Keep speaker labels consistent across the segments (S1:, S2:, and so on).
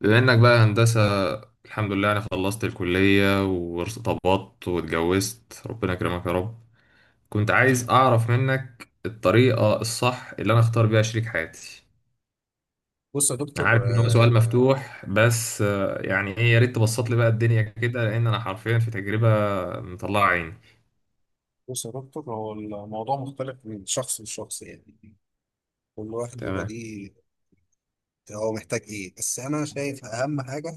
S1: بما انك بقى هندسة. الحمد لله، انا خلصت الكلية وارتبطت واتجوزت، ربنا يكرمك يا رب. كنت عايز اعرف منك الطريقة الصح اللي انا اختار بيها شريك حياتي.
S2: بص يا
S1: انا
S2: دكتور
S1: عارف ان هو سؤال مفتوح، بس يعني ايه؟ يا ريت تبسط لي بقى الدنيا كده، لان انا حرفيا في تجربة مطلعة عيني.
S2: بص يا دكتور، هو الموضوع مختلف من شخص لشخص. يعني كل واحد بيبقى
S1: تمام.
S2: ليه هو محتاج ايه، بس انا شايف اهم حاجه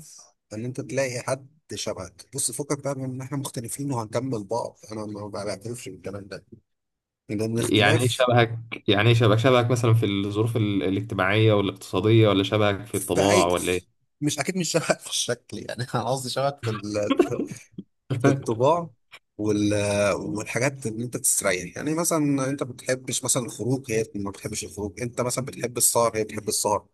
S2: ان انت تلاقي حد شبهك. بص، فكك بقى من ان احنا مختلفين وهنكمل بعض، انا ما بعترفش بالكلام ده، لان
S1: يعني ايه
S2: الاختلاف
S1: شبهك؟ يعني ايه شبهك؟ شبهك مثلا في الظروف الاجتماعية والاقتصادية، ولا شبهك في
S2: في
S1: الطباع،
S2: اي.
S1: ولا ايه؟
S2: مش اكيد مش شبهك في الشكل يعني، انا قصدي شبهك في في الطباع وال... والحاجات اللي انت تستريح. يعني مثلا انت ما بتحبش مثلا الخروج هي ما بتحبش الخروج، انت مثلا بتحب السهر هي بتحب السهر.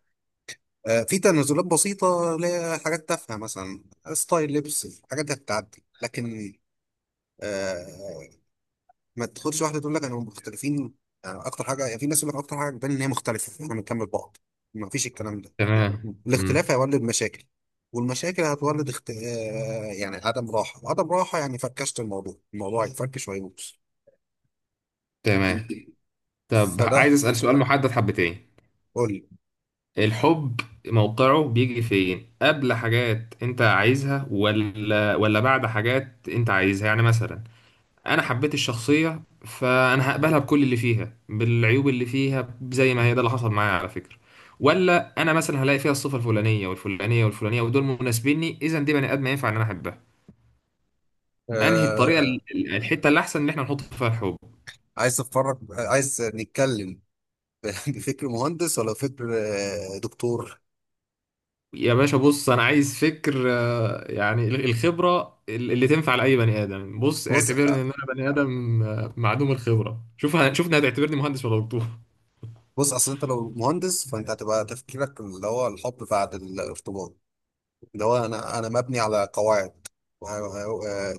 S2: في تنازلات بسيطة اللي هي حاجات تافهة، مثلا ستايل لبس، الحاجات دي هتتعدي. لكن آه، ما تاخدش واحدة تقول لك انا مختلفين. يعني اكتر حاجة، يعني في ناس يقول لك اكتر حاجة بتبان ان هي مختلفة احنا بنكمل بعض، ما فيش الكلام ده.
S1: تمام. امم
S2: الاختلاف هيولد مشاكل، والمشاكل هتولد اخت... آه، يعني عدم راحة، وعدم راحة يعني فركشت الموضوع، الموضوع هيتفركش وهيبوظ.
S1: تمام. طب عايز
S2: فده،
S1: أسأل سؤال محدد حبتين.
S2: قول لي.
S1: الحب موقعه بيجي فين؟ قبل حاجات انت عايزها ولا بعد حاجات انت عايزها؟ يعني مثلا انا حبيت الشخصية، فانا هقبلها بكل اللي فيها، بالعيوب اللي فيها زي ما هي، ده اللي حصل معايا على فكرة. ولا انا مثلا هلاقي فيها الصفة الفلانية والفلانية والفلانية ودول مناسبيني، اذا دي بني ادم ينفع ان انا احبها. انهي الطريقة
S2: آه...
S1: الحتة اللي احسن ان احنا نحط فيها الحب؟
S2: عايز تتفرج عايز نتكلم؟ بفكر مهندس ولا فكر دكتور؟
S1: يا باشا بص، انا عايز فكر. يعني الخبره اللي تنفع لاي بني ادم. بص
S2: بص
S1: اعتبرني ان انا بني ادم معدوم الخبره. شوف، شوفني هتعتبرني مهندس ولا دكتور؟
S2: بص اصل انت لو مهندس فانت هتبقى تفكيرك اللي هو الحب بعد الارتباط، اللي هو انا مبني على قواعد.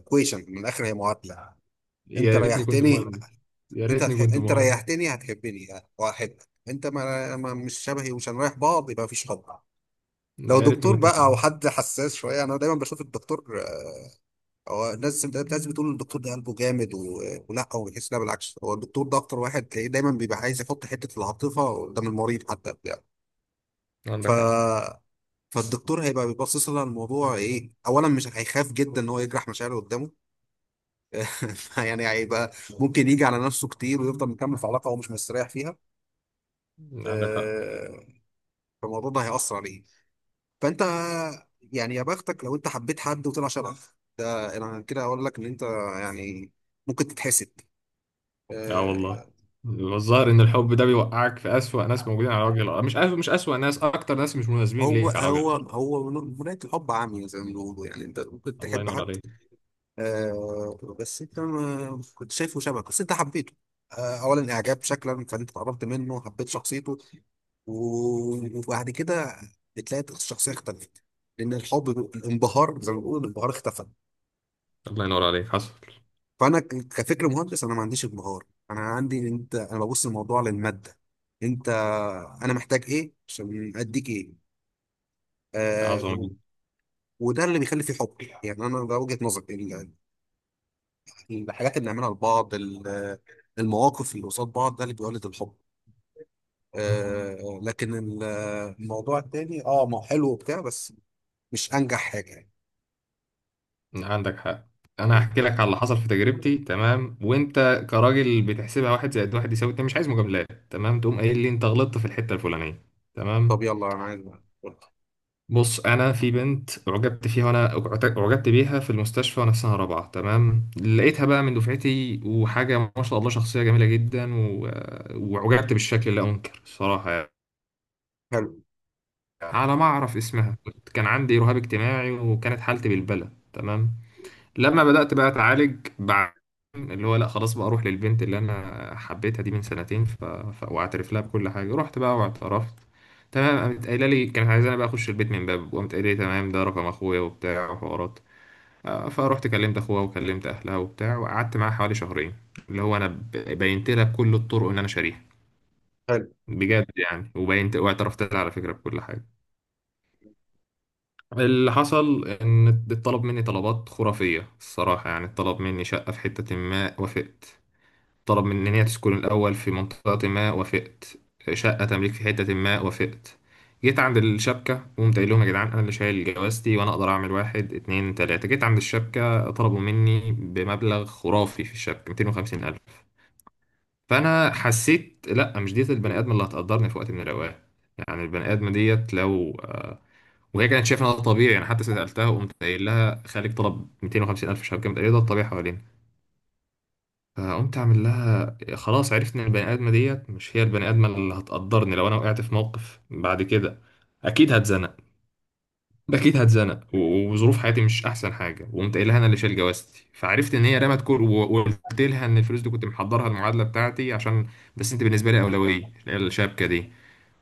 S2: كويشن من الاخر، هي معادله. انت
S1: يا ريتني كنت
S2: ريحتني،
S1: مهندس. يا
S2: انت
S1: ريتني
S2: هتح...
S1: كنت
S2: انت
S1: مهندس.
S2: ريحتني هتحبني وهحبك. انت ما... ما مش شبهي ومش هنريح بعض، يبقى مفيش حب. لو
S1: يا ريتني
S2: دكتور
S1: كنت
S2: بقى او
S1: مهندس.
S2: حد حساس شويه، انا دايما بشوف الدكتور، هو الناس بتقول الدكتور ده قلبه جامد ولا هو بيحس. لا بالعكس، هو الدكتور ده اكتر واحد تلاقيه دايما بيبقى عايز يحط حته العاطفه قدام المريض حتى بتاع. ف
S1: عندك حق.
S2: فالدكتور هيبقى بيبصص لها الموضوع ايه اولا، مش هيخاف جدا ان هو يجرح مشاعره قدامه، يعني هيبقى ممكن يجي على نفسه كتير ويفضل مكمل في علاقه هو مش مستريح فيها.
S1: عندك حق.
S2: آه، فالموضوع ده هيأثر عليه. فانت يعني، يا بختك لو انت حبيت حد وطلع شبهك، ده انا كده اقول لك ان انت يعني ممكن تتحسد.
S1: اه والله،
S2: آه،
S1: الظاهر ان الحب ده بيوقعك في اسوأ ناس موجودين على وجه الارض. مش أسوأ، مش اسوأ ناس، اكتر ناس مش مناسبين
S2: هو
S1: ليك على وجه
S2: هو
S1: الارض.
S2: هو مناية الحب عمياء زي ما بيقولوا، يعني انت ممكن
S1: الله
S2: تحب
S1: ينور
S2: حد،
S1: عليك.
S2: بس انت ما كنت شايفه شبهك، بس انت حبيته. اولا اعجاب شكلا، فانت اتقربت منه حبيت شخصيته، وبعد كده بتلاقي الشخصيه اختلفت، لان الحب، الانبهار زي ما بيقولوا، الانبهار اختفى.
S1: الله ينور عليك، حصل.
S2: فانا كفكر مهندس انا ما عنديش انبهار، انا عندي إن انت، انا ببص الموضوع للماده. انت، انا محتاج ايه عشان اديك ايه؟ آه
S1: عظمه
S2: و-
S1: جدا.
S2: وده اللي بيخلي فيه حب، يعني انا ده وجهه نظري. ال- الحاجات اللي نعملها لبعض، المواقف اللي قصاد بعض، ده اللي بيولد الحب. آه لكن الموضوع التاني، ما هو حلو وبتاع، بس مش انجح حاجه يعني.
S1: عندك حق. انا هحكي لك على اللي حصل في تجربتي، تمام؟ وانت كراجل بتحسبها واحد زائد واحد يساوي اتنين، مش عايز مجاملات، تمام؟ تقوم قايل لي انت غلطت في الحته الفلانيه. تمام.
S2: طب يلا، انا عايز. حلو
S1: بص، انا في بنت اعجبت فيها، وانا اعجبت بيها في المستشفى وانا في سنه رابعه، تمام. لقيتها بقى من دفعتي، وحاجه ما شاء الله، شخصيه جميله جدا واعجبت بالشكل، لا انكر صراحه يعني. على ما اعرف اسمها، كان عندي رهاب اجتماعي، وكانت حالتي بالبلة، تمام. لما بدأت بقى أتعالج بعد، اللي هو لا خلاص بقى أروح للبنت اللي أنا حبيتها دي من سنتين، وأعترف لها بكل حاجة. رحت بقى واعترفت، تمام. قامت قايلة لي كانت عايزاني بقى أخش البيت من باب، وقامت قايلة لي تمام، ده رقم أخويا وبتاع وحوارات. فرحت كلمت أخوها وكلمت أهلها وبتاع، وقعدت معاها حوالي شهرين. اللي هو أنا بينت لها بكل الطرق إن أنا شاريها
S2: حلو.
S1: بجد يعني، وبينت واعترفت لها على فكرة بكل حاجة. اللي حصل ان اتطلب مني طلبات خرافية الصراحة، يعني اتطلب مني شقة في حتة، ما وافقت. طلب مننا تسكن الأول في منطقة، ما وافقت. شقة تمليك في حتة، ما وافقت. جيت عند الشبكة وقمت قايل لهم يا جدعان، أنا اللي شايل جوازتي وأنا أقدر أعمل واحد اتنين تلاتة. جيت عند الشبكة طلبوا مني بمبلغ خرافي في الشبكة، 250 ألف. فأنا حسيت لأ، مش ديت البني آدم اللي هتقدرني في وقت من الأوقات. يعني البني آدم ديت لو وهي كانت شايفة إن ده طبيعي. يعني حتى سألتها وقمت قايل لها خالد طلب 250 ألف شبكة، قمت قايل له ده الطبيعي حوالينا. فقمت أعمل لها خلاص، عرفت إن البني آدمة ديت مش هي البني آدمة اللي هتقدرني لو أنا وقعت في موقف بعد كده. أكيد هتزنق. أكيد هتزنق، وظروف حياتي مش أحسن حاجة. وقمت قايل لها أنا اللي شايل جوازتي، فعرفت إن هي رمت كل، وقلت لها إن الفلوس دي كنت محضرها المعادلة بتاعتي عشان، بس أنت بالنسبة لي أولوية، اللي هي الشبكة دي.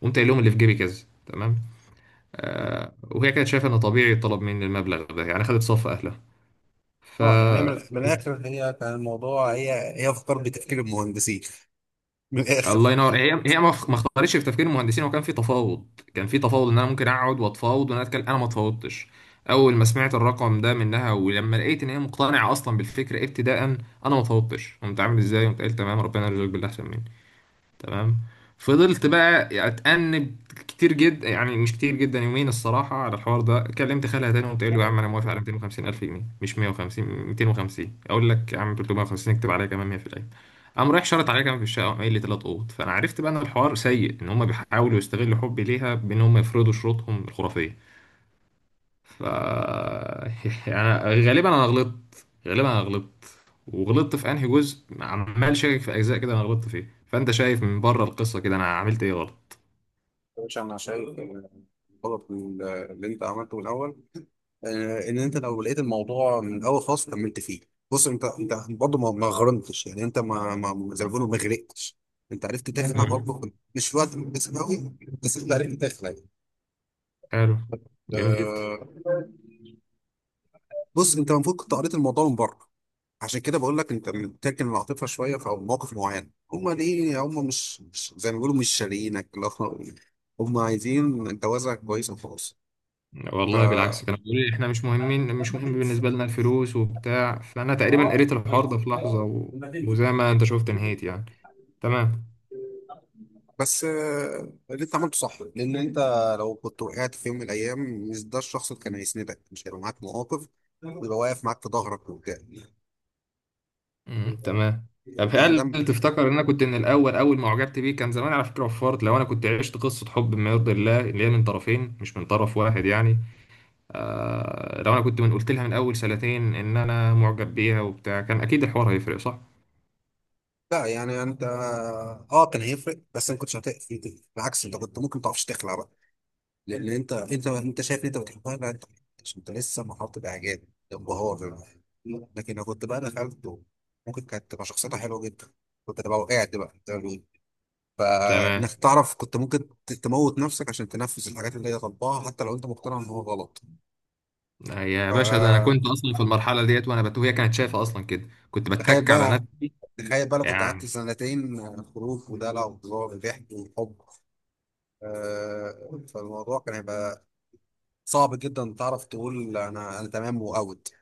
S1: قمت قايل لهم اللي في جيبي كذا، تمام. وهي كانت شايفة إن طبيعي يطلب مني المبلغ ده، يعني خدت صف أهلها. ف
S2: اه يعني من الاخر، هي كان الموضوع، هي افكار بتفكير المهندسين من الاخر.
S1: الله ينور. هي ما اختارتش في تفكير المهندسين، وكان في تفاوض. كان في تفاوض ان انا ممكن اقعد واتفاوض وانا اتكلم. انا ما اتفاوضتش اول ما سمعت الرقم ده منها، ولما لقيت ان هي مقتنعه اصلا بالفكره ابتداء، انا ما اتفاوضتش. قمت عامل ازاي؟ قمت قايل تمام، ربنا يرزقك باللي احسن مني. تمام. فضلت بقى اتأنب كتير جدا، يعني مش كتير جدا، يومين الصراحة على الحوار ده. كلمت خالها تاني وقلت له يا عم انا موافق على 250 الف جنيه، مش 150، 250 اقول لك يا عم، 350، اكتب عليها كمان 100%. قام رايح شرط عليها كمان في الشقة، وقام قايل لي ثلاث اوض. فانا عرفت بقى ان الحوار سيء، ان هم بيحاولوا يستغلوا حبي ليها بان هم يفرضوا شروطهم الخرافية. ف يعني غالبا انا غلطت، غالبا انا غلطت. وغلطت في انهي جزء؟ عمال شاكك في اجزاء كده انا غلطت فيه. فانت شايف من بره القصه كده، انا عملت ايه غلط؟
S2: مش، انا شايف الغلط اللي انت عملته من الاول. ان انت لو لقيت الموضوع من الاول خالص كملت فيه. بص، انت برضه ما غرمتش، يعني انت ما زي ما بيقولوا ما غرقتش، انت عرفت تخلع
S1: مم.
S2: برضه، مش في وقت مناسب قوي، بس انت عرفت تخلع.
S1: حلو. جميل جدا.
S2: آه، بص، انت المفروض كنت قريت الموضوع من بره، عشان كده بقول لك انت بتركن العاطفه شويه في مواقف معينه. هم ليه، هم زي ما بيقولوا مش شاريينك، اللي هو هم عايزين جوازك كويس وخلاص. ف
S1: والله بالعكس، كانوا بيقولوا لي احنا مش مهمين، مش مهم بالنسبه لنا الفلوس وبتاع. فانا تقريبا قريت الحوار ده في لحظه، وزي ما انت شفت نهيت يعني. تمام.
S2: بس اللي انت عملته صح، لان انت لو كنت وقعت في يوم من الايام مش ده الشخص اللي كان هيسندك، مش هيبقى معاك مواقف ويبقى واقف معاك في ظهرك وبتاع.
S1: مم، تمام. طب
S2: يعني ده،
S1: هل تفتكر ان انا كنت من الاول، اول ما اعجبت بيه كان زمان على فكره، وفرت لو انا كنت عشت قصه حب ما يرضي الله، اللي هي من طرفين مش من طرف واحد يعني؟ لو انا كنت من قلت لها من اول سنتين ان انا معجب بيها وبتاع، كان اكيد الحوار هيفرق، صح؟
S2: لا يعني انت، اه كان هيفرق بس انا كنتش هتقف. بالعكس، انت كنت ممكن ما تعرفش تخلع بقى، لان انت، انت شايف ان انت بتحبها. لا انت، عشان انت لسه محاط باعجاب، انبهار. لكن لو كنت بقى دخلت، ممكن كانت تبقى شخصيتها حلوه جدا، كنت تبقى وقعت بقى زي ما بيقولوا. فانك
S1: تمام.
S2: تعرف، كنت ممكن تموت نفسك عشان تنفذ الحاجات اللي هي طالباها حتى لو انت مقتنع ان هو غلط.
S1: يا باشا، ده انا كنت
S2: فتخيل
S1: اصلا في المرحله ديت وانا وهي كانت شايفه اصلا كده، كنت بتك على
S2: بقى،
S1: نفسي
S2: تخيل بقى، لو كنت قعدت
S1: يعني.
S2: سنتين خروج ودلع وهزار وضحك وحب، فالموضوع كان هيبقى صعب جدا تعرف تقول انا تمام واوت.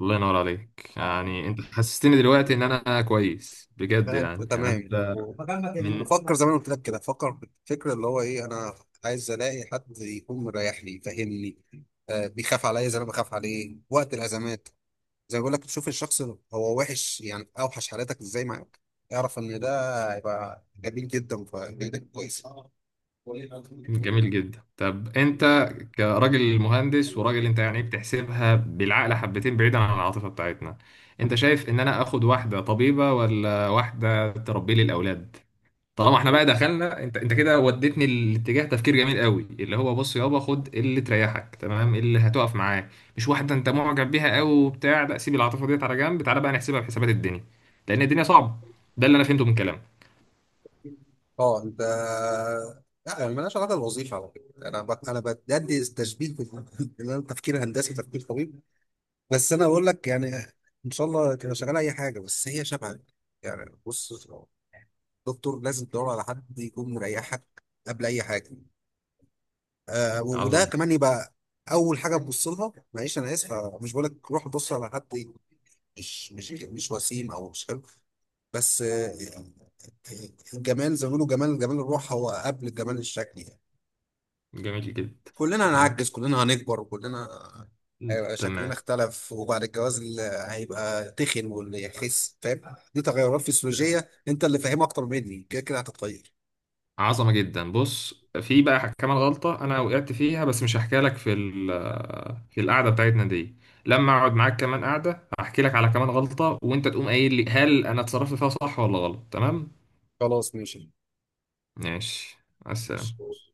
S1: الله ينور عليك، يعني انت حسستني دلوقتي ان انا كويس بجد،
S2: لا انت
S1: يعني
S2: تمام، يعني
S1: انت من
S2: بفكر زي ما أنا قلت لك كده، بفكر بالفكره اللي هو ايه، انا عايز الاقي حد يكون مريح لي فاهمني. آه، بيخاف عليا زي ما أنا بخاف عليه وقت الازمات، زي ما بقول لك تشوف الشخص هو وحش يعني اوحش حالاتك ازاي معاك، اعرف ان ده هيبقى جميل جدا، فجدا كويس.
S1: جميل جدا. طب انت كراجل مهندس وراجل، انت يعني بتحسبها بالعقل حبتين بعيدا عن العاطفة بتاعتنا، انت شايف ان انا اخد واحدة طبيبة ولا واحدة تربي لي الاولاد؟ طالما احنا بقى دخلنا، انت كده وديتني الاتجاه، تفكير جميل قوي اللي هو بص يابا، خد اللي تريحك، تمام، اللي هتقف معاه، مش واحدة انت معجب بيها قوي وبتاع. لا، سيب العاطفة ديت على جنب، تعالى بقى نحسبها بحسابات الدنيا، لان الدنيا صعبة. ده اللي انا فهمته من كلامك.
S2: اه انت، لا يعني مالهاش علاقه بالوظيفه على فكره، انا انا بدي تشبيه ان انا تفكير هندسي تفكير طبيب. بس انا بقول لك، يعني ان شاء الله تبقى شغال اي حاجه بس هي شبهك. يعني بص دكتور، لازم تدور على حد يكون مريحك قبل اي حاجه. وده
S1: عظم
S2: كمان
S1: جدا.
S2: يبقى اول حاجه تبص لها. معلش انا اسف، مش بقول لك روح بص على حد مش وسيم او مش حلو، بس الجمال زي ما بيقولوا، جمال الروح هو قبل جمال الشكل.
S1: جميل جدا.
S2: كلنا
S1: تمام.
S2: هنعجز، كلنا هنكبر، وكلنا هيبقى شكلنا
S1: تمام.
S2: اختلف. وبعد الجواز هيبقى تخن واللي يخس فاهم، دي تغيرات فسيولوجية انت اللي فاهمها اكتر مني، كده كده هتتغير.
S1: عظمة جدا. بص، في بقى كمان غلطة أنا وقعت فيها، بس مش هحكي لك في القعدة بتاعتنا دي. لما أقعد معاك كمان قعدة هحكي لك على كمان غلطة، وأنت تقوم قايل لي هل أنا اتصرفت فيها صح ولا غلط، تمام؟
S2: خلاص ماشي.
S1: ماشي. مع السلامة.
S2: ماشي.